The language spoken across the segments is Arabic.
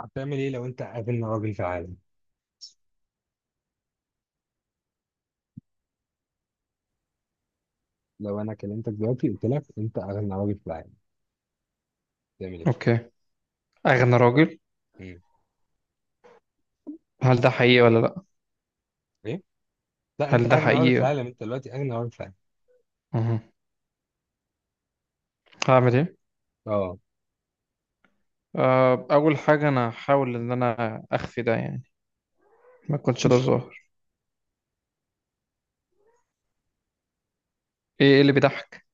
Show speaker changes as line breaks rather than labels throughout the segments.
هتعمل ايه لو انت اغنى راجل في العالم؟ لو انا كلمتك دلوقتي قلت لك انت اغنى راجل في العالم، تعمل ايه؟
اوكي. اغنى راجل.
مم.
هل ده حقيقي ولا لا؟
ايه؟ لا، انت
هل ده
اغنى راجل في
حقيقي؟
العالم، انت دلوقتي اغنى راجل في العالم.
مهم. هعمل ايه؟
اه.
آه، اول حاجه انا هحاول ان انا اخفي ده، يعني ما يكونش ده ظاهر. ايه اللي بيضحك؟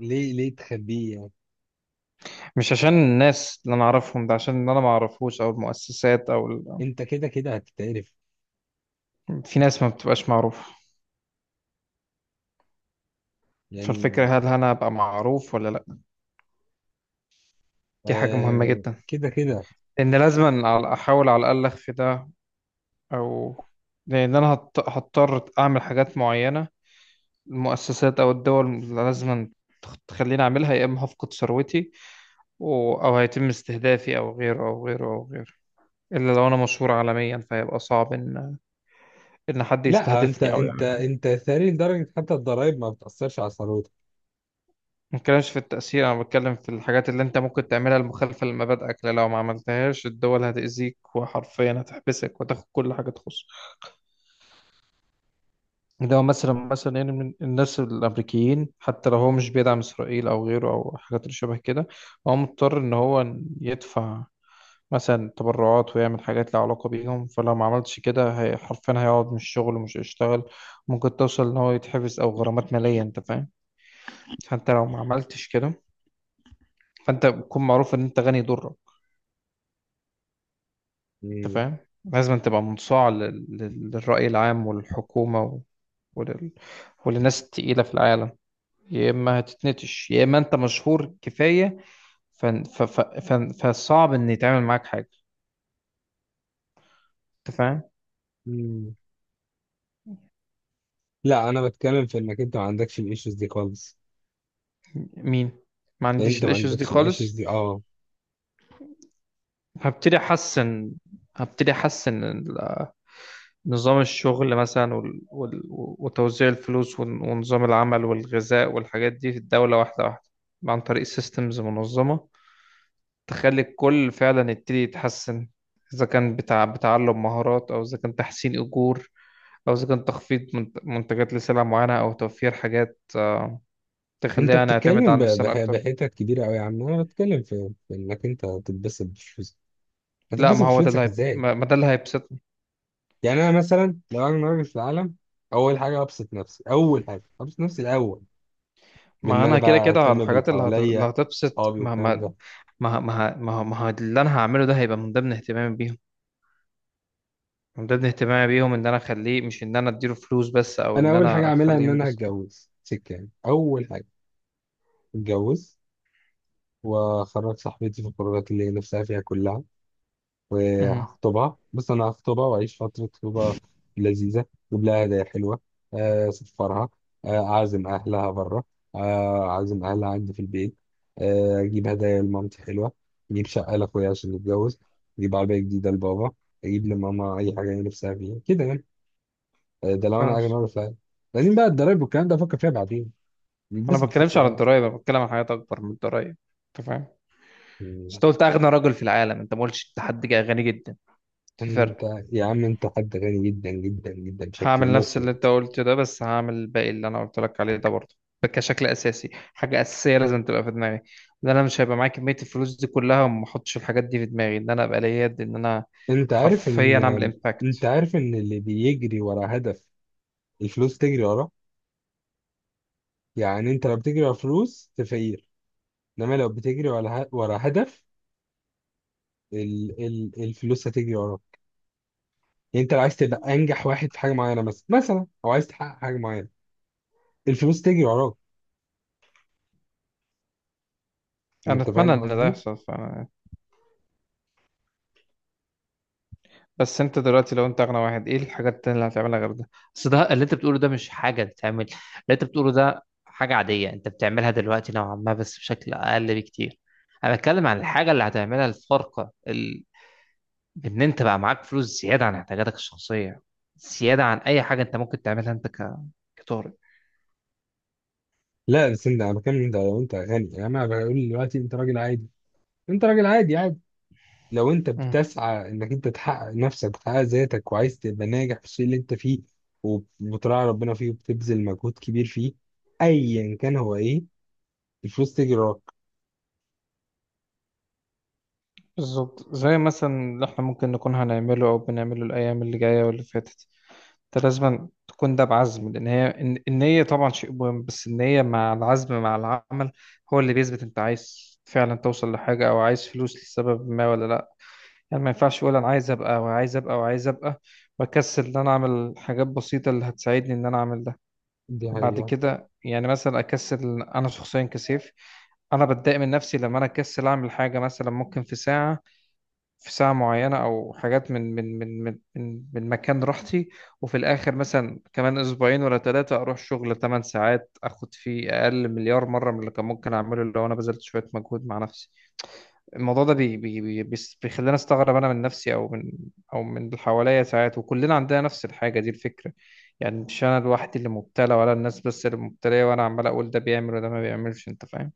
ليه تخبيه يعني؟
مش عشان الناس اللي انا اعرفهم، ده عشان اللي انا ما اعرفوش او المؤسسات او
انت كده كده هتتعرف.
في ناس ما بتبقاش معروفه، فالفكره
يعني.
هل انا ابقى معروف ولا لا. دي حاجه مهمه
آه،
جدا،
كده كده.
لان لازم أنا احاول على الاقل اخفي ده، او لان انا هضطر اعمل حاجات معينه، المؤسسات او الدول اللي لازم تخليني اعملها، يا اما هفقد ثروتي او هيتم استهدافي او غيره او غيره او غيره، الا لو انا مشهور عالميا فهيبقى صعب ان حد
لا، انت
يستهدفني او
انت
يعملها.
انت ثري لدرجه حتى الضرايب ما بتاثرش على ثروتك.
ما بتكلمش في التأثير، انا بتكلم في الحاجات اللي انت ممكن تعملها المخالفة لمبادئك، لأن لو ما عملتهاش الدول هتأذيك وحرفيا هتحبسك وتاخد كل حاجة تخصك. ده مثلا، مثلا يعني من الناس الامريكيين، حتى لو هو مش بيدعم اسرائيل او غيره او حاجات اللي شبه كده، هو مضطر ان هو يدفع مثلا تبرعات ويعمل حاجات لها علاقة بيهم. فلو ما عملتش كده هي حرفيا هيقعد من الشغل ومش هيشتغل، ممكن توصل إن هو يتحبس أو غرامات مالية. أنت فاهم؟ فأنت لو ما عملتش كده فأنت بتكون معروف إن أنت غني يضرك. أنت
مم.
فاهم؟ لازم تبقى منصاع للرأي العام والحكومة ولل... وللناس التقيلة في العالم، يا إما هتتنتش يا إما أنت مشهور كفاية. ف... ف... ف... ف... فصعب إن يتعمل معاك حاجة. أنت فاهم؟
مم. لا، انا بتكلم في انك انت ما عندكش الايشوز دي خالص.
مين؟ ما عنديش
انت ما
الإيشوز دي
عندكش الايشوز
خالص.
دي، اه.
هبتدي احسن، هبتدي احسن نظام الشغل مثلا وتوزيع الفلوس ونظام العمل والغذاء والحاجات دي في الدولة واحدة واحدة، عن طريق سيستمز منظمة، تخلي الكل فعلا يبتدي يتحسن. إذا كان بتاع بتعلم مهارات، أو إذا كان تحسين أجور، أو إذا كان تخفيض منتجات لسلع معينة، أو توفير حاجات، آه،
انت
تخلينا نعتمد
بتتكلم
على نفسنا أكتر.
بحتت كبيره قوي يا عم. انا بتكلم في انك انت تتبسط بفلوسك.
لا،
هتتبسط
ما هو ده
بفلوسك ازاي؟
ما ده اللي هيبسطنا.
يعني انا مثلا لو انا راجل في العالم، اول حاجه ابسط نفسي، اول حاجه ابسط نفسي الاول، بان
ما
انا
أنا كده
بقى
كده على
اهتم باللي
الحاجات اللي، اللي
حواليا،
هتبسط.
اصحابي والكلام ده.
ما ه- ما ه- ما ه- ما ه- اللي انا هعمله ده هيبقى من ضمن اهتمامي بيهم، من ضمن اهتمامي بيهم ان انا اخليه، مش ان انا اديله فلوس بس او
انا
ان
اول حاجه
انا
اعملها
اخليه
ان انا
ينبسط.
هتجوز سكه، يعني اول حاجه، اتجوز، واخرج صاحبتي في القرارات اللي هي نفسها فيها كلها،
مهم.
وهخطبها. بص، انا هخطبها واعيش فتره خطوبه لذيذه. اجيب لها هدايا حلوه. آه، اسفرها. آه، اعزم اهلها بره. آه، اعزم اهلها عندي في البيت. آه، اجيب هدايا لمامتي حلوه. اجيب شقه لاخويا عشان يتجوز. اجيب عربيه جديده لبابا. اجيب لماما اي حاجه هي نفسها فيها كده، يعني. آه، ده لو
فاهم.
انا اجي اعرف. لازم بقى الضرايب والكلام ده افكر فيها بعدين،
انا
بس
ما
بفلوس
بتكلمش على
الأول.
الضرايب، انا بتكلم عن حاجات اكبر من الضرايب. انت فاهم؟ بس
مم.
انت قلت اغنى رجل في العالم، انت ما قلتش انت حد جاي غني جدا. في
انت
فرق.
يا عم، انت حد غني جدا جدا جدا بشكل
هعمل نفس اللي انت
مفرط.
قلته ده، بس هعمل الباقي اللي انا قلت لك عليه ده برضه. ده كشكل اساسي حاجه اساسيه لازم تبقى في دماغي، ان انا مش هيبقى معايا كميه الفلوس دي كلها وما احطش الحاجات دي في دماغي ان انا ابقى ليا يد ان انا
انت عارف
حرفيا اعمل
ان انت
امباكت.
عارف ان اللي بيجري ورا هدف، الفلوس تجري وراه. يعني انت لو بتجري ورا فلوس، تفقير. انما لو بتجري ورا هدف، الفلوس هتجري وراك. يعني انت لو عايز تبقى انجح واحد في حاجه معينه مثلا مثلا، او عايز تحقق حاجه معينه، الفلوس تجري وراك.
انا
انت
اتمنى
فاهم
ان ده
قصدي؟
يحصل بس انت دلوقتي لو انت اغنى واحد، ايه الحاجات التانية اللي هتعملها غير ده؟ بس ده اللي انت بتقوله ده مش حاجه تتعمل. اللي انت بتقوله ده حاجه عاديه انت بتعملها دلوقتي نوعا ما بس بشكل اقل بكتير. انا بتكلم عن الحاجه اللي هتعملها الفارقه، بإن أنت بقى معاك فلوس زيادة عن احتياجاتك الشخصية، زيادة عن أي حاجة أنت ممكن تعملها، أنت كطارئ.
لا، بس انت، انا بكلم انت لو انت غني. يعني انا بقول دلوقتي انت راجل عادي، انت راجل عادي عادي. لو انت
مم.
بتسعى انك انت تحقق نفسك وتحقق ذاتك، وعايز تبقى ناجح في الشيء اللي انت فيه، وبتراعي ربنا فيه، وبتبذل مجهود كبير فيه، ايا كان هو ايه، الفلوس تجي وراك.
بالظبط، زي مثلا اللي احنا ممكن نكون هنعمله او بنعمله الايام اللي جايه واللي فاتت. انت لازم تكون ده بعزم، لان هي النيه طبعا شيء مهم، بس النيه مع العزم مع العمل هو اللي بيثبت انت عايز فعلا توصل لحاجه او عايز فلوس لسبب ما، ولا لا. يعني ما ينفعش اقول انا عايز ابقى وعايز ابقى وعايز ابقى واكسل ان انا اعمل حاجات بسيطه اللي هتساعدني ان انا اعمل.
دي
وبعد
حقيقة.
كده يعني مثلا اكسل انا شخصيا، كسيف. انا بتضايق من نفسي لما انا اكسل اعمل حاجه مثلا ممكن في ساعه، في ساعه معينه او حاجات من مكان راحتي. وفي الاخر مثلا كمان اسبوعين ولا ثلاثه اروح شغل 8 ساعات اخد فيه اقل مليار مره من اللي كان ممكن اعمله لو انا بذلت شويه مجهود مع نفسي. الموضوع ده بيخلينا استغرب، انا من نفسي او من، او من اللي حواليا ساعات. وكلنا عندنا نفس الحاجه دي الفكره، يعني مش انا لوحدي اللي مبتلى ولا الناس بس اللي مبتليه، وانا عمال اقول ده بيعمل وده ما بيعملش. انت فاهم؟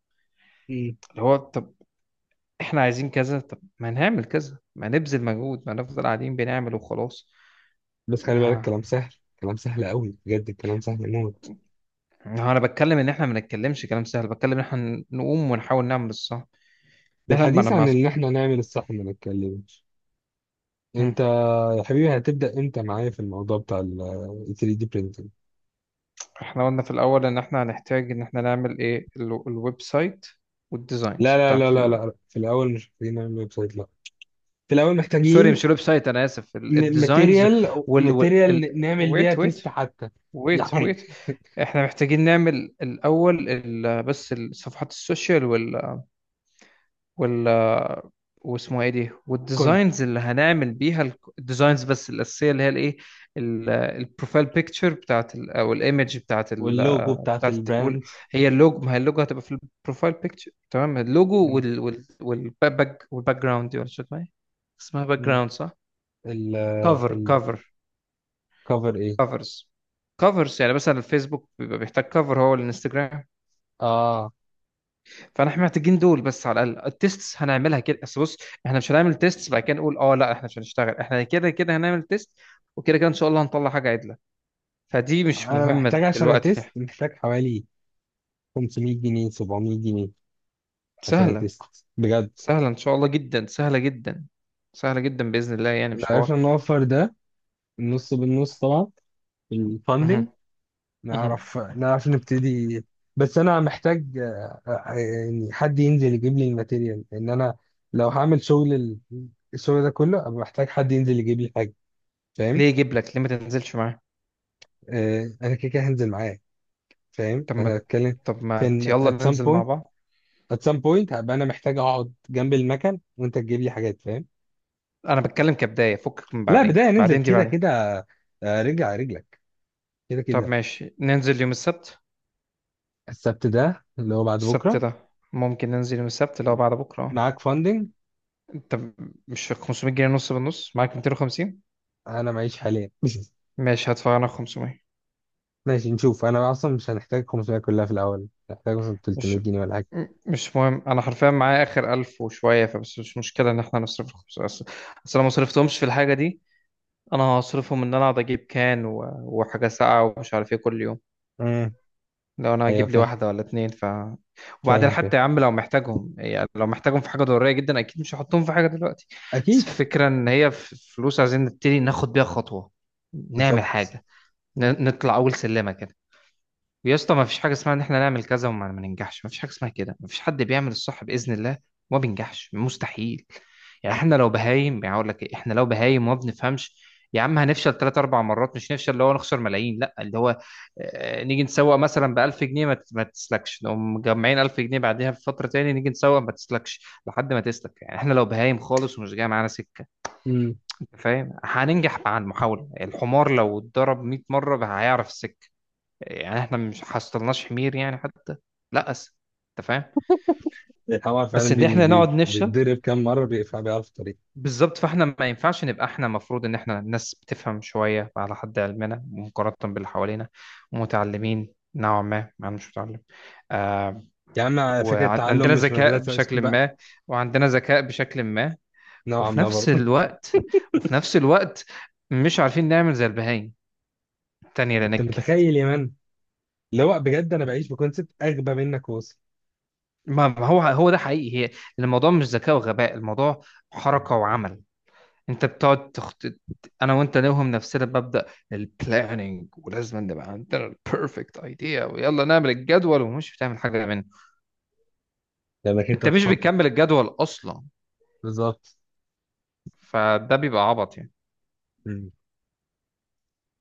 مم.
اللي هو طب احنا عايزين كذا، طب ما نعمل كذا، ما نبذل مجهود، ما نفضل قاعدين بنعمل وخلاص.
بس خلي بالك،
ما
الكلام سهل. كلام سهل قوي، بجد الكلام سهل موت.
ما انا بتكلم ان احنا ما نتكلمش كلام سهل، بتكلم ان احنا نقوم ونحاول نعمل الصح. ده احنا.
بالحديث عن ان احنا نعمل الصح، ما نتكلمش.
ما
انت يا حبيبي، هتبدأ امتى معايا في الموضوع بتاع ال 3D printing؟
احنا قلنا في الاول ان احنا هنحتاج ان احنا نعمل ايه الويب سايت والديزاينز
لا لا لا لا لا، في الاول مش محتاجين نعمل ويب سايت، لا. في الاول
سوري مش
محتاجين
الويب سايت، انا اسف الديزاينز
ماتيريال ماتيريال نعمل بيها
ويت
تيست
ويت
حتى
ويت
يعني.
ويت احنا محتاجين نعمل الاول بس الصفحات السوشيال وال واسمه ايه دي،
كنت
والديزاينز اللي هنعمل بيها الديزاينز بس الاساسيه، اللي هي الايه البروفايل بيكتشر او الايمج
واللوجو بتاعت
بتاعت الت- وال-
البراند.
هي اللوجو، ما هي اللوجو هتبقى في البروفايل بيكتشر، تمام. اللوجو
م-
وال وال والباك والباك جراوند دي، ولا شو اسمها إيه؟ اسمها باك
م-
جراوند صح؟
ال
كفر،
الكفر ايه؟
كفرز، كفرز يعني مثلا الفيسبوك بيبقى بيحتاج كفر، هو الانستجرام.
اه.
فاحنا محتاجين دول بس على الاقل، التيستس هنعملها كده بس بص. احنا مش هنعمل تيستس بعد كده نقول اه لا احنا مش هنشتغل. احنا كده كده هنعمل تيست، وكده كده ان شاء الله هنطلع حاجه عدله. فدي مش
انا محتاج
مهمه
عشان
دلوقتي.
اتست، محتاج حوالي 500 جنيه، 700 جنيه، عشان
سهله،
اتست، بجد.
سهله ان شاء الله جدا، سهله جدا، سهله جدا باذن الله، يعني
لو
مش
عرفنا
حوار.
نوفر ده، النص بالنص طبعا،
مهم.
الفاندنج،
مهم.
نعرف نبتدي. بس انا محتاج يعني حد ينزل يجيب لي الماتيريال، لان انا لو هعمل شغل الشغل ده كله، ابقى محتاج حد ينزل يجيب لي حاجه،
ليه
فاهم؟
يجيب لك؟ ليه ما تنزلش معاه؟
آه، انا كده كده هنزل معاه. فاهم،
طب ما
انا بتكلم
طب
في
ما
ان at
يلا
some
ننزل مع
point،
بعض.
at some point هبقى انا محتاج اقعد جنب المكن وانت تجيب لي حاجات، فاهم؟
انا بتكلم كبدايه، فكك من
لا،
بعدين،
بدايه ننزل
بعدين دي
كده
بعدين.
كده. آه، رجع رجلك، كده
طب
كده.
ماشي، ننزل يوم السبت.
السبت ده اللي هو بعد
السبت
بكره.
ده ممكن ننزل يوم السبت اللي هو بعد بكره.
معاك فاندنج؟
طب مش 500 جنيه نص بالنص، معاك 250؟
انا معيش حاليا.
ماشي هدفع انا 500.
ماشي، نشوف. انا اصلا مش هنحتاج 500 كلها في الاول، هنحتاج مثلا 300
مش
جنيه ولا حاجه.
مش مهم، انا حرفيا معايا اخر 1000 وشويه فبس، مش مشكله ان احنا نصرف ال 500 اصل. أصل انا ما صرفتهمش في الحاجه دي، انا هصرفهم ان انا اقعد اجيب كان وحاجه ساقعه ومش عارف ايه كل يوم.
امم.
لو انا
ايوه،
هجيب لي
فاهم،
واحده ولا اتنين ف. وبعدين
فاهم، فاهم.
حتى يا عم، لو محتاجهم يعني لو محتاجهم في حاجه ضروريه جدا اكيد مش هحطهم في حاجه دلوقتي. بس
اكيد.
الفكره ان هي فلوس، عايزين نبتدي ناخد بيها خطوه، نعمل
بالظبط.
حاجه، نطلع اول سلمه كده. يا اسطى، ما فيش حاجه اسمها ان احنا نعمل كذا وما ما ننجحش، ما فيش حاجه اسمها كده. ما فيش حد بيعمل الصح باذن الله وما بينجحش، مستحيل. يعني احنا لو بهايم، يعني اقول لك إيه، احنا لو بهايم وما بنفهمش، يا عم هنفشل ثلاث اربع مرات، مش نفشل اللي هو نخسر ملايين، لا اللي هو آه، نيجي نسوق مثلا ب 1000 جنيه ما تسلكش، نقوم مجمعين 1000 جنيه بعدها بفتره، تاني نيجي نسوق ما تسلكش، لحد ما تسلك. يعني احنا لو بهايم خالص ومش جاي معانا سكه،
امم.
انت فاهم؟ هننجح مع المحاوله. الحمار لو اتضرب 100 مره هيعرف السكه، يعني احنا مش حصلناش حمير يعني حتى. لا أس. انت فاهم؟
الحوار فعلا
بس ان احنا نقعد نفشل.
بيتضرب كام مره، بيقفل بيعرف الطريق.
بالظبط، فاحنا ما ينفعش نبقى، احنا المفروض ان احنا ناس بتفهم شويه على حد علمنا مقارنه باللي حوالينا، ومتعلمين نوعا ما. انا مش متعلم. آه.
يا عم، على فكره، التعلم
وعندنا
مش
ذكاء
مدرسه، اسكت
بشكل
بقى.
ما، وعندنا ذكاء بشكل ما
نوعا
وفي
ما برضه.
نفس الوقت وفي نفس الوقت مش عارفين نعمل زي البهايم التانية اللي
انت
نجحت.
متخيل يا مان؟ اللي هو بجد انا بعيش بكونسيبت اغبى منك، واصل،
ما ما هو ده حقيقي هي. الموضوع مش ذكاء وغباء، الموضوع حركة وعمل. انت بتقعد تخطط، انا وانت نوهم نفسنا بمبدأ البلاننج، ولازم نبقى عندنا البيرفكت ايديا ويلا نعمل الجدول ومش بتعمل حاجة منه.
لانك انت
انت مش
تخطط،
بتكمل الجدول اصلا،
بالظبط.
فده بيبقى عبط يعني.